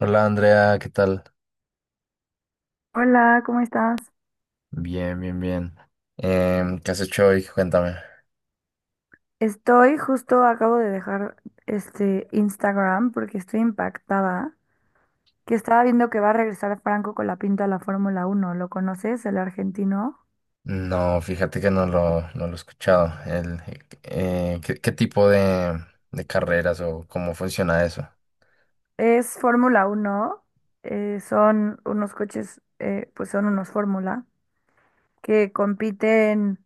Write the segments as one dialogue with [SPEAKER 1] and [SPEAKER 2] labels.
[SPEAKER 1] Hola Andrea, ¿qué tal?
[SPEAKER 2] Hola, ¿cómo estás?
[SPEAKER 1] Bien, bien, bien. ¿Qué has hecho hoy? Cuéntame.
[SPEAKER 2] Estoy justo, acabo de dejar este Instagram porque estoy impactada, que estaba viendo que va a regresar Franco con la pinta a la Fórmula Uno. ¿Lo conoces, el argentino?
[SPEAKER 1] No, fíjate que no lo he escuchado. ¿Qué tipo de carreras o cómo funciona eso?
[SPEAKER 2] Es Fórmula Uno. Son unos coches, pues son unos Fórmula, que compiten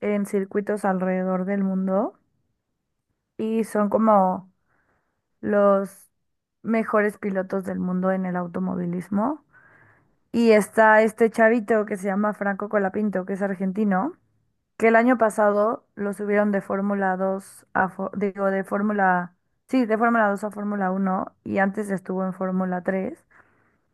[SPEAKER 2] en circuitos alrededor del mundo y son como los mejores pilotos del mundo en el automovilismo. Y está este chavito que se llama Franco Colapinto, que es argentino, que el año pasado lo subieron de Fórmula 2 a, digo, de Fórmula, sí, de Fórmula 2 a Fórmula uno y antes estuvo en Fórmula tres.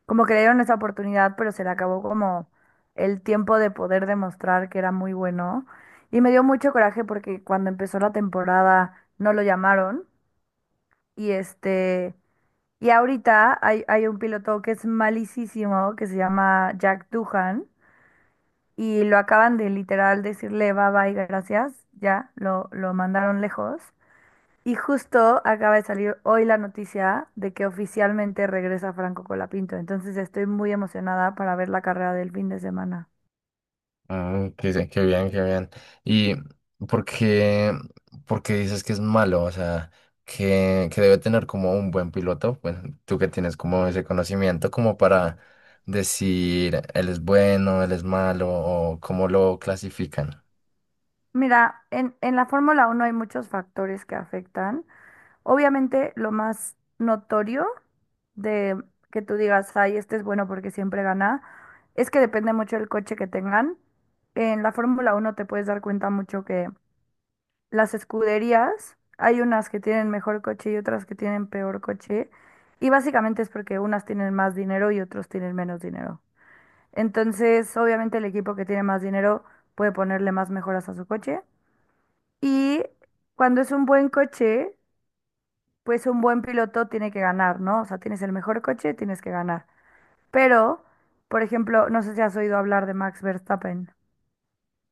[SPEAKER 2] Como que le dieron esa oportunidad, pero se le acabó como el tiempo de poder demostrar que era muy bueno. Y me dio mucho coraje porque cuando empezó la temporada no lo llamaron y Y ahorita hay un piloto que es malísimo, que se llama Jack Duhan y lo acaban de literal decirle bye bye, gracias, ya lo mandaron lejos. Y justo acaba de salir hoy la noticia de que oficialmente regresa Franco Colapinto, entonces estoy muy emocionada para ver la carrera del fin de semana.
[SPEAKER 1] Mm, qué bien, qué bien. ¿Y por qué, por qué dices que es malo? O sea, que debe tener como un buen piloto. Bueno, tú que tienes como ese conocimiento como para decir él es bueno, él es malo o cómo lo clasifican.
[SPEAKER 2] Mira, en la Fórmula Uno hay muchos factores que afectan. Obviamente lo más notorio de que tú digas, ay, este es bueno porque siempre gana, es que depende mucho del coche que tengan. En la Fórmula Uno te puedes dar cuenta mucho que las escuderías, hay unas que tienen mejor coche y otras que tienen peor coche, y básicamente es porque unas tienen más dinero y otros tienen menos dinero. Entonces, obviamente el equipo que tiene más dinero puede ponerle más mejoras a su coche. Y cuando es un buen coche, pues un buen piloto tiene que ganar, ¿no? O sea, tienes el mejor coche, tienes que ganar. Pero, por ejemplo, no sé si has oído hablar de Max Verstappen.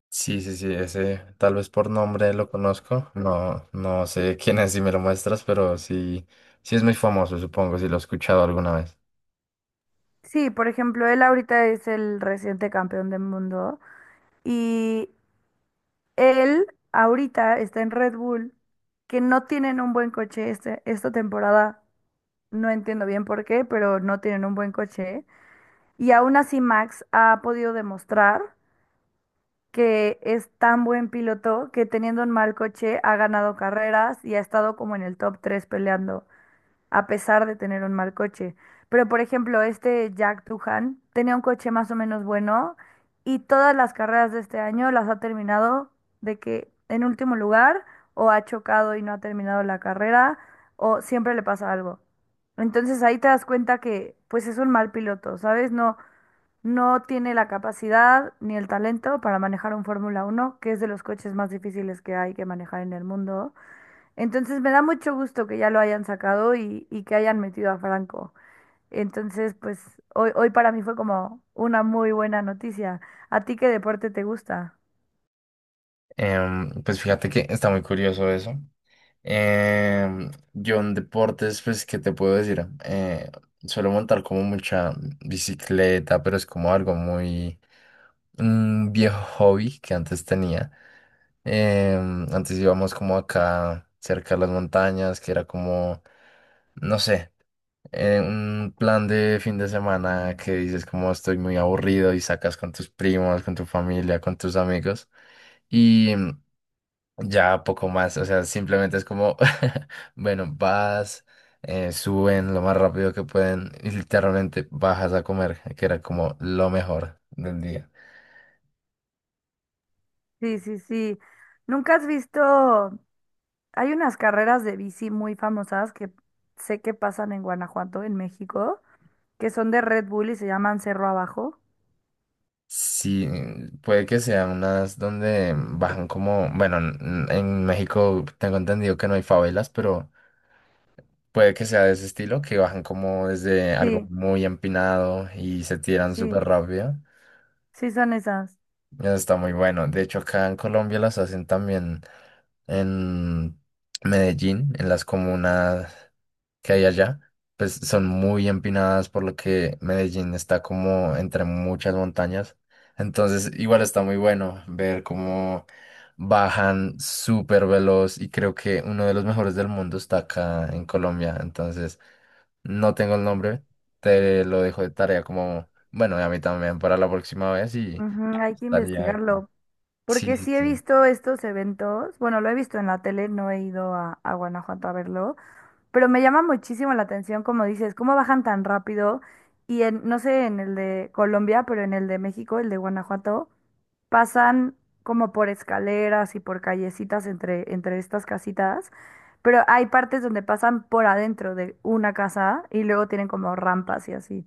[SPEAKER 1] Sí, sí, sí, ese tal vez por nombre lo conozco. No, no sé quién es si me lo muestras, pero sí, sí es muy famoso, supongo, si lo he escuchado alguna vez.
[SPEAKER 2] Sí, por ejemplo, él ahorita es el reciente campeón del mundo y él ahorita está en Red Bull, que no tienen un buen esta temporada. No entiendo bien por qué, pero no tienen un buen coche. Y aún así Max ha podido demostrar que es tan buen piloto que teniendo un mal coche ha ganado carreras y ha estado como en el top 3 peleando a pesar de tener un mal coche. Pero, por ejemplo, este Jack Tuhan tenía un coche más o menos bueno y todas las carreras de este año las ha terminado de que en último lugar o ha chocado y no ha terminado la carrera o siempre le pasa algo. Entonces ahí te das cuenta que pues es un mal piloto, ¿sabes? No, no tiene la capacidad ni el talento para manejar un Fórmula uno que es de los coches más difíciles que hay que manejar en el mundo. Entonces me da mucho gusto que ya lo hayan sacado y que hayan metido a Franco. Entonces, pues hoy para mí fue como una muy buena noticia. ¿A ti qué deporte te gusta?
[SPEAKER 1] Pues fíjate que está muy curioso eso. Yo en deportes, pues, ¿qué te puedo decir? Suelo montar como mucha bicicleta, pero es como algo muy un viejo hobby que antes tenía. Antes íbamos como acá cerca de las montañas, que era como, no sé. Un plan de fin de semana que dices como estoy muy aburrido y sacas con tus primos, con tu familia, con tus amigos y ya poco más, o sea, simplemente es como, bueno, vas, suben lo más rápido que pueden y literalmente bajas a comer, que era como lo mejor del día.
[SPEAKER 2] Sí, sí, sí. ¿Nunca has visto? Hay unas carreras de bici muy famosas que sé que pasan en Guanajuato, en México, que son de Red Bull y se llaman Cerro Abajo.
[SPEAKER 1] Sí, mm, puede que sean unas donde bajan como, bueno, en México tengo entendido que no hay favelas, pero... Puede que sea de ese estilo, que bajan como desde algo
[SPEAKER 2] Sí,
[SPEAKER 1] muy empinado y se tiran
[SPEAKER 2] sí,
[SPEAKER 1] súper rápido.
[SPEAKER 2] sí son esas.
[SPEAKER 1] Eso está muy bueno. De hecho, acá en Colombia las hacen también en Medellín, en las comunas que hay allá. Pues son muy empinadas, por lo que Medellín está como entre muchas montañas. Entonces, igual está muy bueno ver cómo bajan súper veloz y creo que uno de los mejores del mundo está acá en Colombia. Entonces... No tengo el nombre, te lo dejo de tarea como, bueno, y a mí también para la próxima vez y
[SPEAKER 2] Ujú, hay que
[SPEAKER 1] estaría...
[SPEAKER 2] investigarlo. Porque
[SPEAKER 1] Sí, sí,
[SPEAKER 2] sí he
[SPEAKER 1] sí.
[SPEAKER 2] visto estos eventos, bueno, lo he visto en la tele, no he ido a Guanajuato a verlo, pero me llama muchísimo la atención, como dices, cómo bajan tan rápido y no sé, en el de Colombia, pero en el de México, el de Guanajuato, pasan como por escaleras y por callecitas entre estas casitas, pero hay partes donde pasan por adentro de una casa y luego tienen como rampas y así.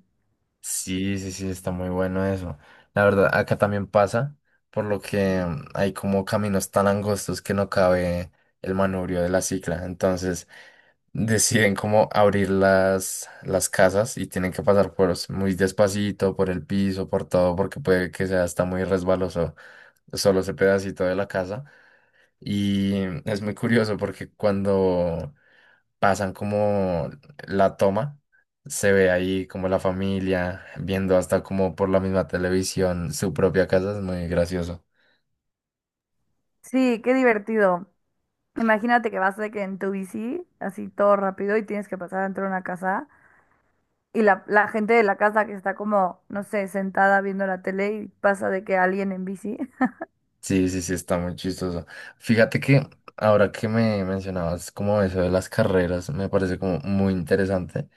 [SPEAKER 1] Sí, sí, sí, está muy bueno eso. La verdad, acá también pasa, por lo que hay como caminos tan angostos que no cabe el manubrio de la cicla. Entonces deciden como abrir las casas y tienen que pasar por muy despacito, por el piso, por todo, porque puede que sea hasta muy resbaloso solo ese pedacito de la casa. Y es muy curioso porque cuando pasan como la toma, se ve ahí como la familia viendo hasta como por la misma televisión su propia casa, es muy gracioso.
[SPEAKER 2] Sí, qué divertido. Imagínate que vas de que en tu bici, así todo rápido, y tienes que pasar dentro de una casa, y la gente de la casa que está como, no sé, sentada viendo la tele y pasa de que alguien en bici.
[SPEAKER 1] Sí, sí, sí, está muy chistoso. Fíjate que ahora que me mencionabas como eso de las carreras, me parece como muy interesante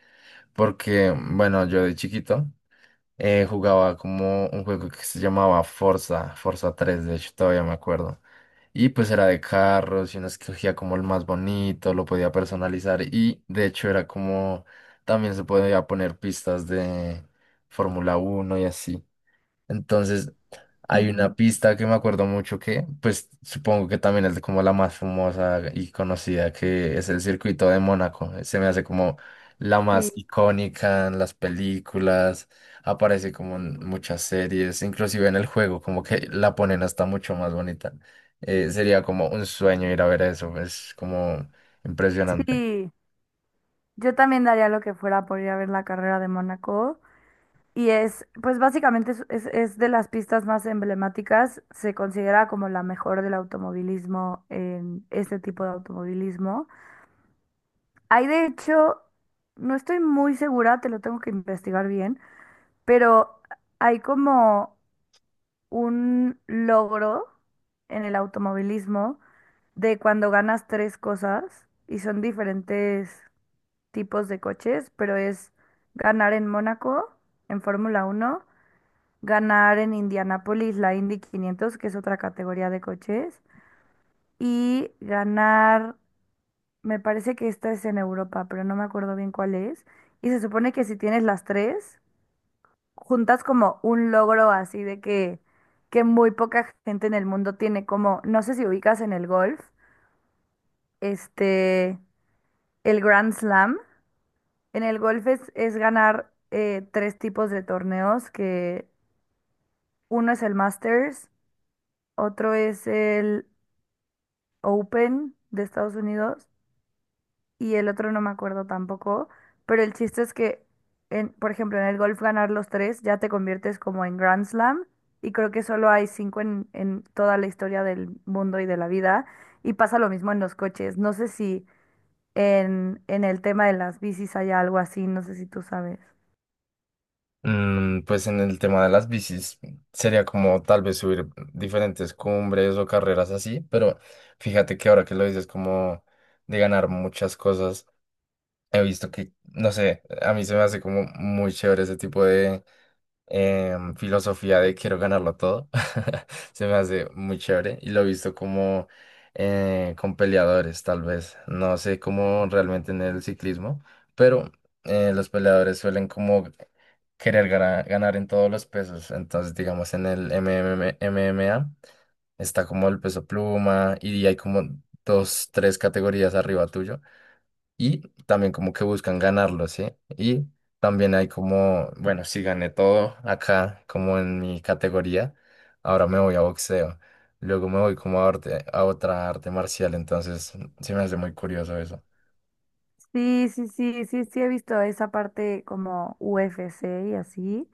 [SPEAKER 1] porque, bueno, yo de chiquito jugaba como un juego que se llamaba Forza, Forza 3 de hecho todavía me acuerdo. Y pues era de carros y uno escogía como el más bonito, lo podía personalizar y de hecho era como también se podía poner pistas de Fórmula 1 y así. Entonces, hay
[SPEAKER 2] Ujú.
[SPEAKER 1] una pista que me acuerdo mucho que, pues supongo que también es como la más famosa y conocida, que es el circuito de Mónaco. Se me hace como la
[SPEAKER 2] Sí,
[SPEAKER 1] más icónica en las películas, aparece como en muchas series, inclusive en el juego, como que la ponen hasta mucho más bonita. Sería como un sueño ir a ver eso, es como impresionante.
[SPEAKER 2] sí. Yo también daría lo que fuera por ir a ver la carrera de Mónaco. Y es, pues básicamente es de las pistas más emblemáticas. Se considera como la mejor del automovilismo en este tipo de automovilismo. Hay de hecho, no estoy muy segura, te lo tengo que investigar bien, pero hay como un logro en el automovilismo de cuando ganas tres cosas y son diferentes tipos de coches, pero es ganar en Mónaco, en Fórmula Uno, ganar en Indianápolis, la Indy 500, que es otra categoría de coches, y ganar, me parece que esta es en Europa, pero no me acuerdo bien cuál es, y se supone que si tienes las tres juntas como un logro así de que muy poca gente en el mundo tiene, como, no sé si ubicas en el golf, este, el Grand Slam. En el golf es ganar tres tipos de torneos, que uno es el Masters, otro es el Open de Estados Unidos y el otro no me acuerdo tampoco, pero el chiste es que, por ejemplo, en el golf ganar los tres ya te conviertes como en Grand Slam y creo que solo hay cinco en toda la historia del mundo y de la vida y pasa lo mismo en los coches. No sé si en el tema de las bicis hay algo así, no sé si tú sabes.
[SPEAKER 1] Mm, pues en el tema de las bicis sería como tal vez subir diferentes cumbres o carreras así, pero fíjate que ahora que lo dices como de ganar muchas cosas, he visto que, no sé, a mí se me hace como muy chévere ese tipo filosofía de quiero ganarlo todo. Se me hace muy chévere y lo he visto como con peleadores, tal vez. No sé cómo realmente en el ciclismo, pero los peleadores suelen como querer ganar en todos los pesos. Entonces, digamos, en el MMA está como el peso pluma y hay como dos, tres categorías arriba tuyo y también como que buscan ganarlo, ¿sí? Y también hay como, bueno, si gané todo acá, como en mi categoría, ahora me voy a boxeo, luego me voy como a, a otra arte marcial, entonces se me hace muy curioso eso.
[SPEAKER 2] Sí, sí, sí, sí, sí he visto esa parte como UFC y así,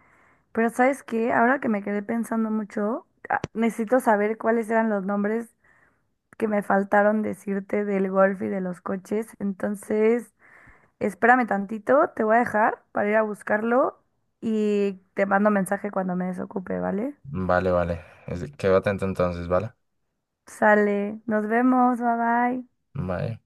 [SPEAKER 2] pero ¿sabes qué? Ahora que me quedé pensando mucho, ah, necesito saber cuáles eran los nombres que me faltaron decirte del golf y de los coches. Entonces, espérame tantito, te voy a dejar para ir a buscarlo y te mando mensaje cuando me desocupe, ¿vale?
[SPEAKER 1] Vale, vale, quedo atento entonces, ¿vale?
[SPEAKER 2] Sale, nos vemos, bye bye.
[SPEAKER 1] Bye.